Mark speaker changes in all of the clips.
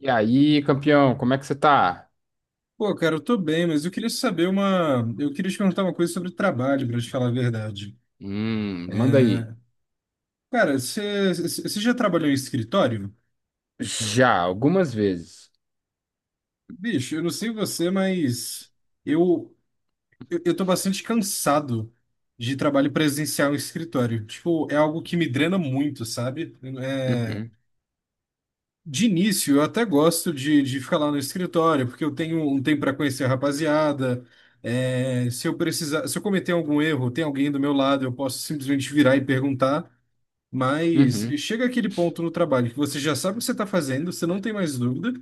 Speaker 1: E aí, campeão, como é que você tá?
Speaker 2: Pô, cara, eu tô bem, mas eu queria saber uma. Eu queria te perguntar uma coisa sobre trabalho, pra te falar a verdade.
Speaker 1: Manda aí.
Speaker 2: Cara, você já trabalhou em escritório?
Speaker 1: Já, algumas vezes.
Speaker 2: Bicho, eu não sei você, mas eu, eu tô bastante cansado de trabalho presencial em escritório. Tipo, é algo que me drena muito, sabe? É,
Speaker 1: Uhum,
Speaker 2: de início, eu até gosto de ficar lá no escritório, porque eu tenho um tempo para conhecer a rapaziada. É, se eu precisar, se eu cometer algum erro, tem alguém do meu lado, eu posso simplesmente virar e perguntar. Mas
Speaker 1: uhum.
Speaker 2: chega aquele ponto no trabalho que você já sabe o que você está fazendo, você não tem mais dúvida,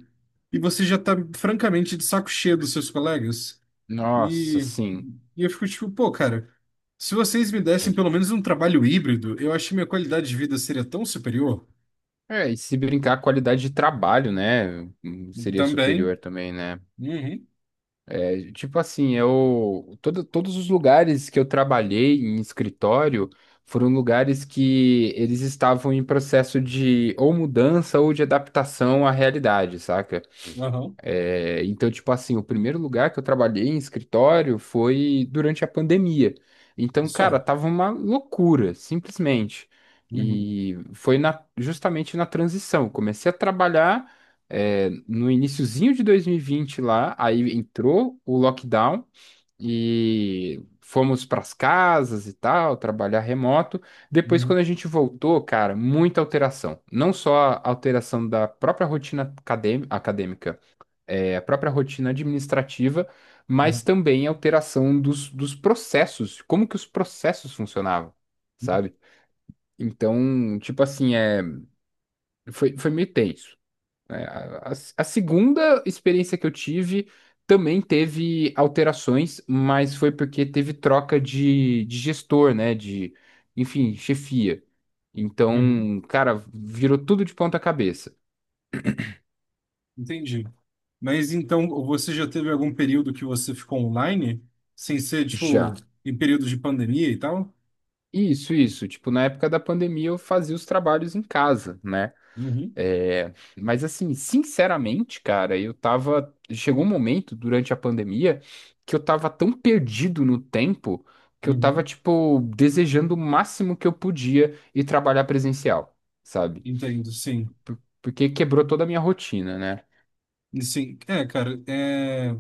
Speaker 2: e você já está francamente de saco cheio dos seus colegas.
Speaker 1: Nossa,
Speaker 2: E,
Speaker 1: sim.
Speaker 2: e eu fico tipo, pô, cara, se vocês me dessem pelo menos um trabalho híbrido, eu acho que minha qualidade de vida seria tão superior.
Speaker 1: É, e se brincar, a qualidade de trabalho, né? Seria
Speaker 2: Também.
Speaker 1: superior também, né?
Speaker 2: Uhum.
Speaker 1: É, tipo assim, eu. Todos os lugares que eu trabalhei em escritório foram lugares que eles estavam em processo de ou mudança ou de adaptação à realidade, saca?
Speaker 2: Aham.
Speaker 1: É, então, tipo assim, o primeiro lugar que eu trabalhei em escritório foi durante a pandemia. Então, cara,
Speaker 2: Só.
Speaker 1: tava uma loucura, simplesmente.
Speaker 2: Uhum,
Speaker 1: E foi justamente na transição. Comecei a trabalhar, no iniciozinho de 2020 lá, aí entrou o lockdown e fomos pras casas e tal, trabalhar remoto. Depois, quando
Speaker 2: uhum,
Speaker 1: a gente voltou, cara, muita alteração. Não só a alteração da própria rotina acadêmica, a própria rotina administrativa, mas
Speaker 2: uhum,
Speaker 1: também a alteração dos processos, como que os processos funcionavam, sabe? Então, tipo assim, foi meio tenso, né? A segunda experiência que eu tive também teve alterações, mas foi porque teve troca de gestor, né? De, enfim, chefia.
Speaker 2: uhum.
Speaker 1: Então, cara, virou tudo de ponta cabeça.
Speaker 2: Entendi. Mas então você já teve algum período que você ficou online, sem ser,
Speaker 1: Já.
Speaker 2: tipo, em períodos de pandemia e tal?
Speaker 1: Isso, isso. Tipo, na época da pandemia eu fazia os trabalhos em casa, né?
Speaker 2: Uhum,
Speaker 1: É, mas assim, sinceramente, cara, eu tava. Chegou um momento durante a pandemia que eu tava tão perdido no tempo que eu tava,
Speaker 2: uhum.
Speaker 1: tipo, desejando o máximo que eu podia ir trabalhar presencial, sabe?
Speaker 2: Entendo, sim.
Speaker 1: Porque quebrou toda a minha rotina, né?
Speaker 2: Sim. É, cara, é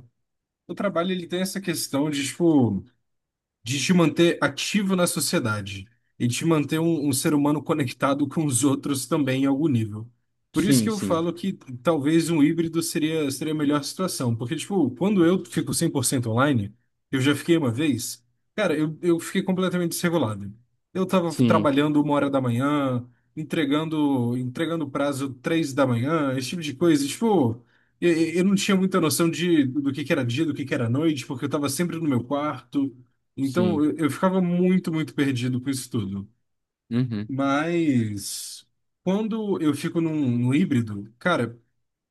Speaker 2: o trabalho ele tem essa questão de, tipo, de te manter ativo na sociedade e te manter um ser humano conectado com os outros também em algum nível. Por isso que
Speaker 1: Sim,
Speaker 2: eu
Speaker 1: sim,
Speaker 2: falo que talvez um híbrido seria a melhor situação, porque, tipo, quando eu fico 100% online, eu já fiquei uma vez, cara, eu fiquei completamente desregulado. Eu tava
Speaker 1: sim,
Speaker 2: trabalhando 1 hora da manhã, entregando prazo 3 da manhã, esse tipo de coisa. E, tipo, Eu eu não tinha muita noção de, do que era dia, do que era noite, porque eu estava sempre no meu quarto, então,
Speaker 1: sim.
Speaker 2: eu ficava muito, muito perdido com isso tudo.
Speaker 1: Uhum.
Speaker 2: Mas quando eu fico num híbrido, cara,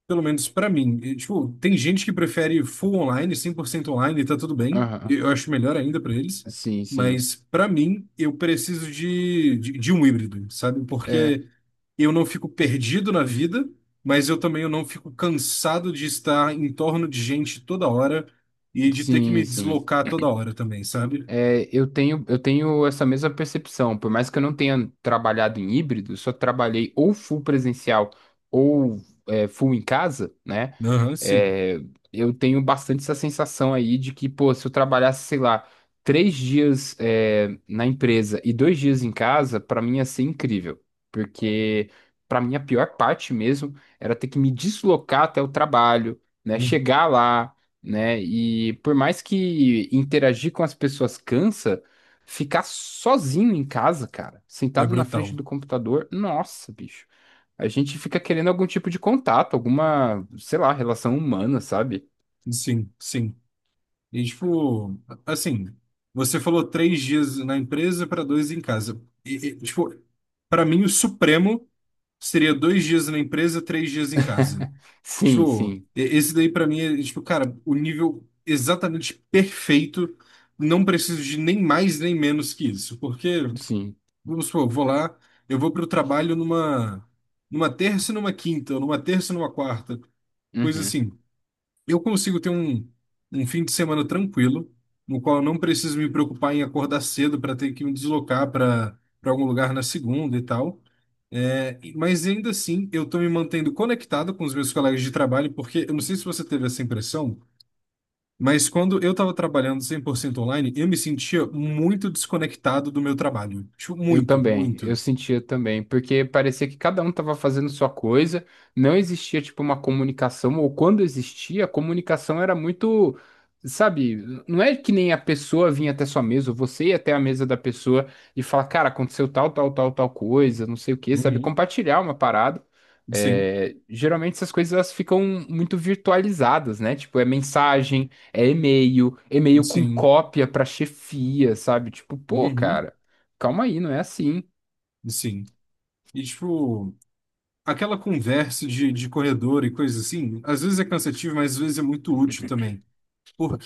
Speaker 2: pelo menos pra mim, e, tipo, tem gente que prefere full online, 100% online, e tá tudo bem.
Speaker 1: Aham.
Speaker 2: Eu acho melhor ainda pra eles.
Speaker 1: Sim, sim.
Speaker 2: Mas pra mim, eu preciso de um híbrido, sabe?
Speaker 1: É,
Speaker 2: Porque eu não fico perdido na vida, mas eu também eu não fico cansado de estar em torno de gente toda hora e de ter que
Speaker 1: sim,
Speaker 2: me
Speaker 1: sim.
Speaker 2: deslocar toda hora também, sabe?
Speaker 1: É, eu tenho essa mesma percepção. Por mais que eu não tenha trabalhado em híbrido, eu só trabalhei ou full presencial ou full em casa, né?
Speaker 2: Aham, sim.
Speaker 1: É, eu tenho bastante essa sensação aí de que, pô, se eu trabalhasse, sei lá, 3 dias na empresa e 2 dias em casa, pra mim ia ser incrível. Porque pra mim a pior parte mesmo era ter que me deslocar até o trabalho, né?
Speaker 2: Uhum.
Speaker 1: Chegar lá, né? E por mais que interagir com as pessoas cansa, ficar sozinho em casa, cara,
Speaker 2: É
Speaker 1: sentado na
Speaker 2: brutal.
Speaker 1: frente do computador, nossa, bicho. A gente fica querendo algum tipo de contato, alguma, sei lá, relação humana, sabe?
Speaker 2: Sim, sim. E, tipo, assim, você falou 3 dias na empresa para dois em casa. E, tipo, para mim, o supremo seria 2 dias na empresa, 3 dias em casa.
Speaker 1: Sim,
Speaker 2: Tipo,
Speaker 1: sim,
Speaker 2: esse daí para mim é, tipo, cara, o nível exatamente perfeito. Não preciso de nem mais nem menos que isso. Porque,
Speaker 1: sim.
Speaker 2: vamos supor, eu vou lá, eu vou para o trabalho numa, numa terça e numa quinta, ou numa terça e numa quarta, coisa
Speaker 1: Uhum.
Speaker 2: assim. Eu consigo ter um fim de semana tranquilo, no qual eu não preciso me preocupar em acordar cedo para ter que me deslocar para algum lugar na segunda e tal. É, mas ainda assim, eu estou me mantendo conectado com os meus colegas de trabalho, porque eu não sei se você teve essa impressão, mas quando eu estava trabalhando 100% online, eu me sentia muito desconectado do meu trabalho. Tipo,
Speaker 1: Eu
Speaker 2: muito,
Speaker 1: também, eu
Speaker 2: muito.
Speaker 1: sentia também, porque parecia que cada um estava fazendo sua coisa, não existia tipo uma comunicação, ou quando existia, a comunicação era muito, sabe, não é que nem a pessoa vinha até sua mesa, ou você ia até a mesa da pessoa e falar, cara, aconteceu tal, tal, tal, tal coisa, não sei o quê, sabe,
Speaker 2: Uhum.
Speaker 1: compartilhar uma parada.
Speaker 2: Sim,
Speaker 1: É, geralmente essas coisas elas ficam muito virtualizadas, né? Tipo, é mensagem, é e-mail, e-mail com
Speaker 2: sim,
Speaker 1: cópia pra chefia, sabe? Tipo, pô,
Speaker 2: uhum,
Speaker 1: cara. Calma aí, não é assim.
Speaker 2: sim. E, tipo, aquela conversa de corredor e coisas assim, às vezes é cansativo, mas às vezes é muito útil também.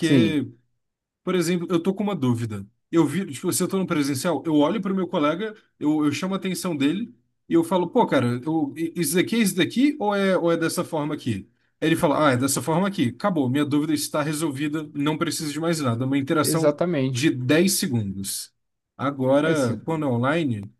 Speaker 1: Sim,
Speaker 2: por exemplo, eu tô com uma dúvida. Eu vi, tipo, se eu tô no presencial, eu olho pro meu colega, eu chamo a atenção dele e eu falo, pô, cara, isso daqui é isso daqui ou é dessa forma aqui? Aí ele fala, ah, é dessa forma aqui. Acabou, minha dúvida está resolvida, não preciso de mais nada. É uma interação de
Speaker 1: exatamente.
Speaker 2: 10 segundos. Agora,
Speaker 1: Esse,
Speaker 2: quando é online,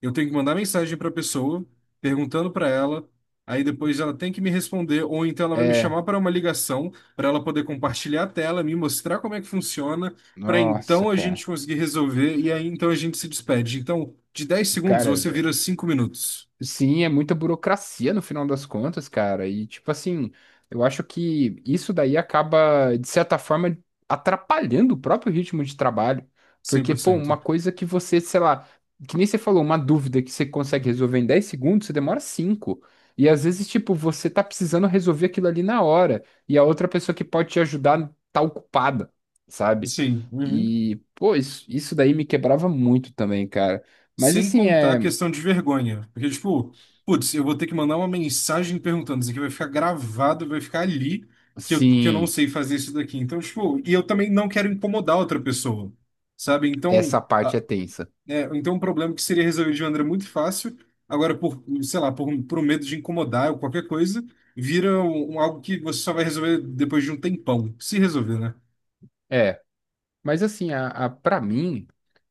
Speaker 2: eu tenho que mandar mensagem para a pessoa, perguntando para ela, aí depois ela tem que me responder, ou então ela vai me
Speaker 1: é,
Speaker 2: chamar para uma ligação, para ela poder compartilhar a tela, me mostrar como é que funciona, para
Speaker 1: Nossa,
Speaker 2: então a
Speaker 1: cara.
Speaker 2: gente conseguir resolver, e aí então a gente se despede. Então, de 10 segundos
Speaker 1: Cara,
Speaker 2: você vira 5 minutos,
Speaker 1: sim, é muita burocracia no final das contas, cara. E, tipo assim, eu acho que isso daí acaba, de certa forma, atrapalhando o próprio ritmo de trabalho.
Speaker 2: cem
Speaker 1: Porque,
Speaker 2: por
Speaker 1: pô,
Speaker 2: cento.
Speaker 1: uma coisa que você, sei lá, que nem você falou, uma dúvida que você consegue resolver em 10 segundos, você demora cinco. E às vezes, tipo, você tá precisando resolver aquilo ali na hora. E a outra pessoa que pode te ajudar tá ocupada, sabe?
Speaker 2: Sim. Uhum.
Speaker 1: E, pô, isso daí me quebrava muito também, cara. Mas
Speaker 2: Sem
Speaker 1: assim,
Speaker 2: contar a
Speaker 1: é.
Speaker 2: questão de vergonha. Porque, tipo, putz, eu vou ter que mandar uma mensagem perguntando. Isso aqui vai ficar gravado, vai ficar ali que eu não
Speaker 1: Sim.
Speaker 2: sei fazer isso daqui. Então, tipo, e eu também não quero incomodar outra pessoa, sabe? Então,
Speaker 1: Essa parte é tensa.
Speaker 2: um problema que seria resolvido de maneira muito fácil, agora por, sei lá, por, por um medo de incomodar ou qualquer coisa, vira um algo que você só vai resolver depois de um tempão. Se resolver, né?
Speaker 1: É, mas assim, para mim,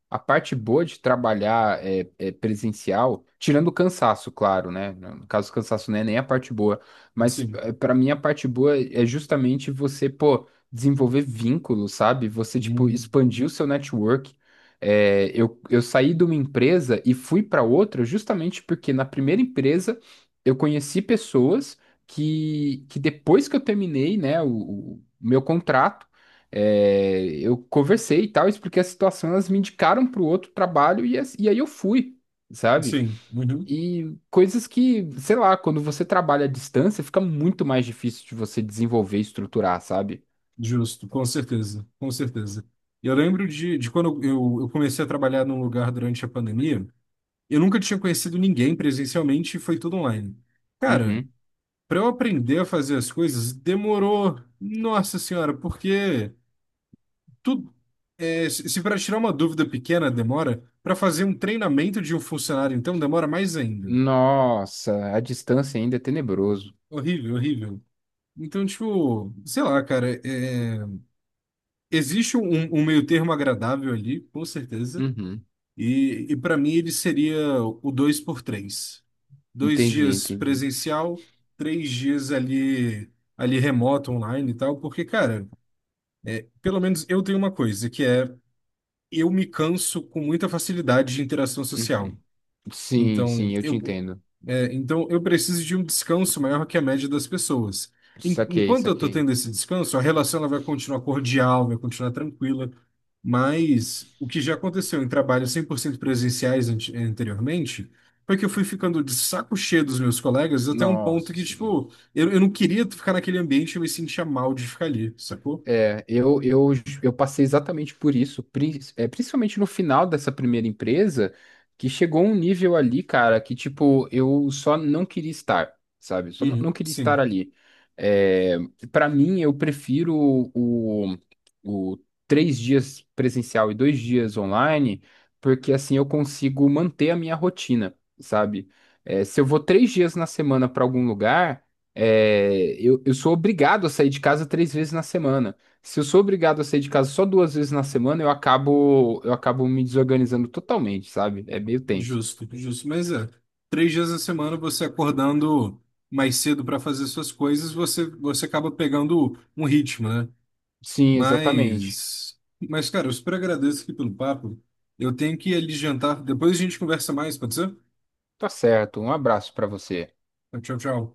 Speaker 1: a parte boa de trabalhar é, presencial, tirando o cansaço, claro, né? No caso, o cansaço não é nem a parte boa, mas
Speaker 2: Sim.
Speaker 1: pra mim a parte boa é justamente você, pô, desenvolver vínculos, sabe? Você, tipo,
Speaker 2: Hum.
Speaker 1: expandir o seu network. É, eu saí de uma empresa e fui pra outra justamente porque na primeira empresa eu conheci pessoas que depois que eu terminei, né, o meu contrato, é, eu conversei e tal, expliquei a situação, elas me indicaram para o outro trabalho e aí eu fui, sabe?
Speaker 2: Sim. Uhum.
Speaker 1: E coisas que, sei lá, quando você trabalha à distância, fica muito mais difícil de você desenvolver e estruturar, sabe?
Speaker 2: Justo, com certeza, com certeza. Eu lembro de quando eu comecei a trabalhar num lugar durante a pandemia, eu nunca tinha conhecido ninguém presencialmente e foi tudo online. Cara,
Speaker 1: Uhum.
Speaker 2: para eu aprender a fazer as coisas, demorou, nossa senhora, porque tudo, é, se para tirar uma dúvida pequena demora, para fazer um treinamento de um funcionário, então demora mais ainda.
Speaker 1: Nossa, a distância ainda é tenebroso.
Speaker 2: Horrível, horrível. Então, tipo, sei lá, cara, é, existe um meio termo agradável ali, com certeza.
Speaker 1: Uhum.
Speaker 2: E para mim ele seria o dois por três. Dois
Speaker 1: Entendi,
Speaker 2: dias
Speaker 1: entendi.
Speaker 2: presencial, três dias ali remoto, online e tal, porque, cara, pelo menos eu tenho uma coisa, que é eu me canso com muita facilidade de interação social.
Speaker 1: Uhum. Sim,
Speaker 2: Então,
Speaker 1: sim, eu te
Speaker 2: eu,
Speaker 1: entendo.
Speaker 2: então, eu preciso de um descanso maior que a média das pessoas.
Speaker 1: Saquei,
Speaker 2: Enquanto eu estou
Speaker 1: saquei.
Speaker 2: tendo esse descanso, a relação ela vai continuar cordial, vai continuar tranquila, mas o que já aconteceu em trabalhos 100% presenciais anteriormente foi que eu fui ficando de saco cheio dos meus colegas até um ponto
Speaker 1: Nossa,
Speaker 2: que,
Speaker 1: sim.
Speaker 2: tipo, eu não queria ficar naquele ambiente, eu me sentia mal de ficar ali, sacou?
Speaker 1: É, eu passei exatamente por isso, principalmente no final dessa primeira empresa, que chegou um nível ali, cara, que tipo, eu só não queria estar, sabe? Só não, não
Speaker 2: Uhum.
Speaker 1: queria estar
Speaker 2: Sim.
Speaker 1: ali. É, para mim, eu prefiro o, o 3 dias presencial e 2 dias online, porque assim eu consigo manter a minha rotina, sabe? É, se eu vou 3 dias na semana para algum lugar, eu sou obrigado a sair de casa 3 vezes na semana. Se eu sou obrigado a sair de casa só 2 vezes na semana, eu acabo me desorganizando totalmente, sabe? É meio tenso.
Speaker 2: Justo, justo. Mas é, 3 dias a semana você acordando mais cedo para fazer suas coisas, você acaba pegando um ritmo, né?
Speaker 1: Sim, exatamente.
Speaker 2: Mas, mas, cara, eu super agradeço aqui pelo papo. Eu tenho que ir ali jantar. Depois a gente conversa mais, pode ser?
Speaker 1: Tá certo. Um abraço pra você.
Speaker 2: Tchau, tchau.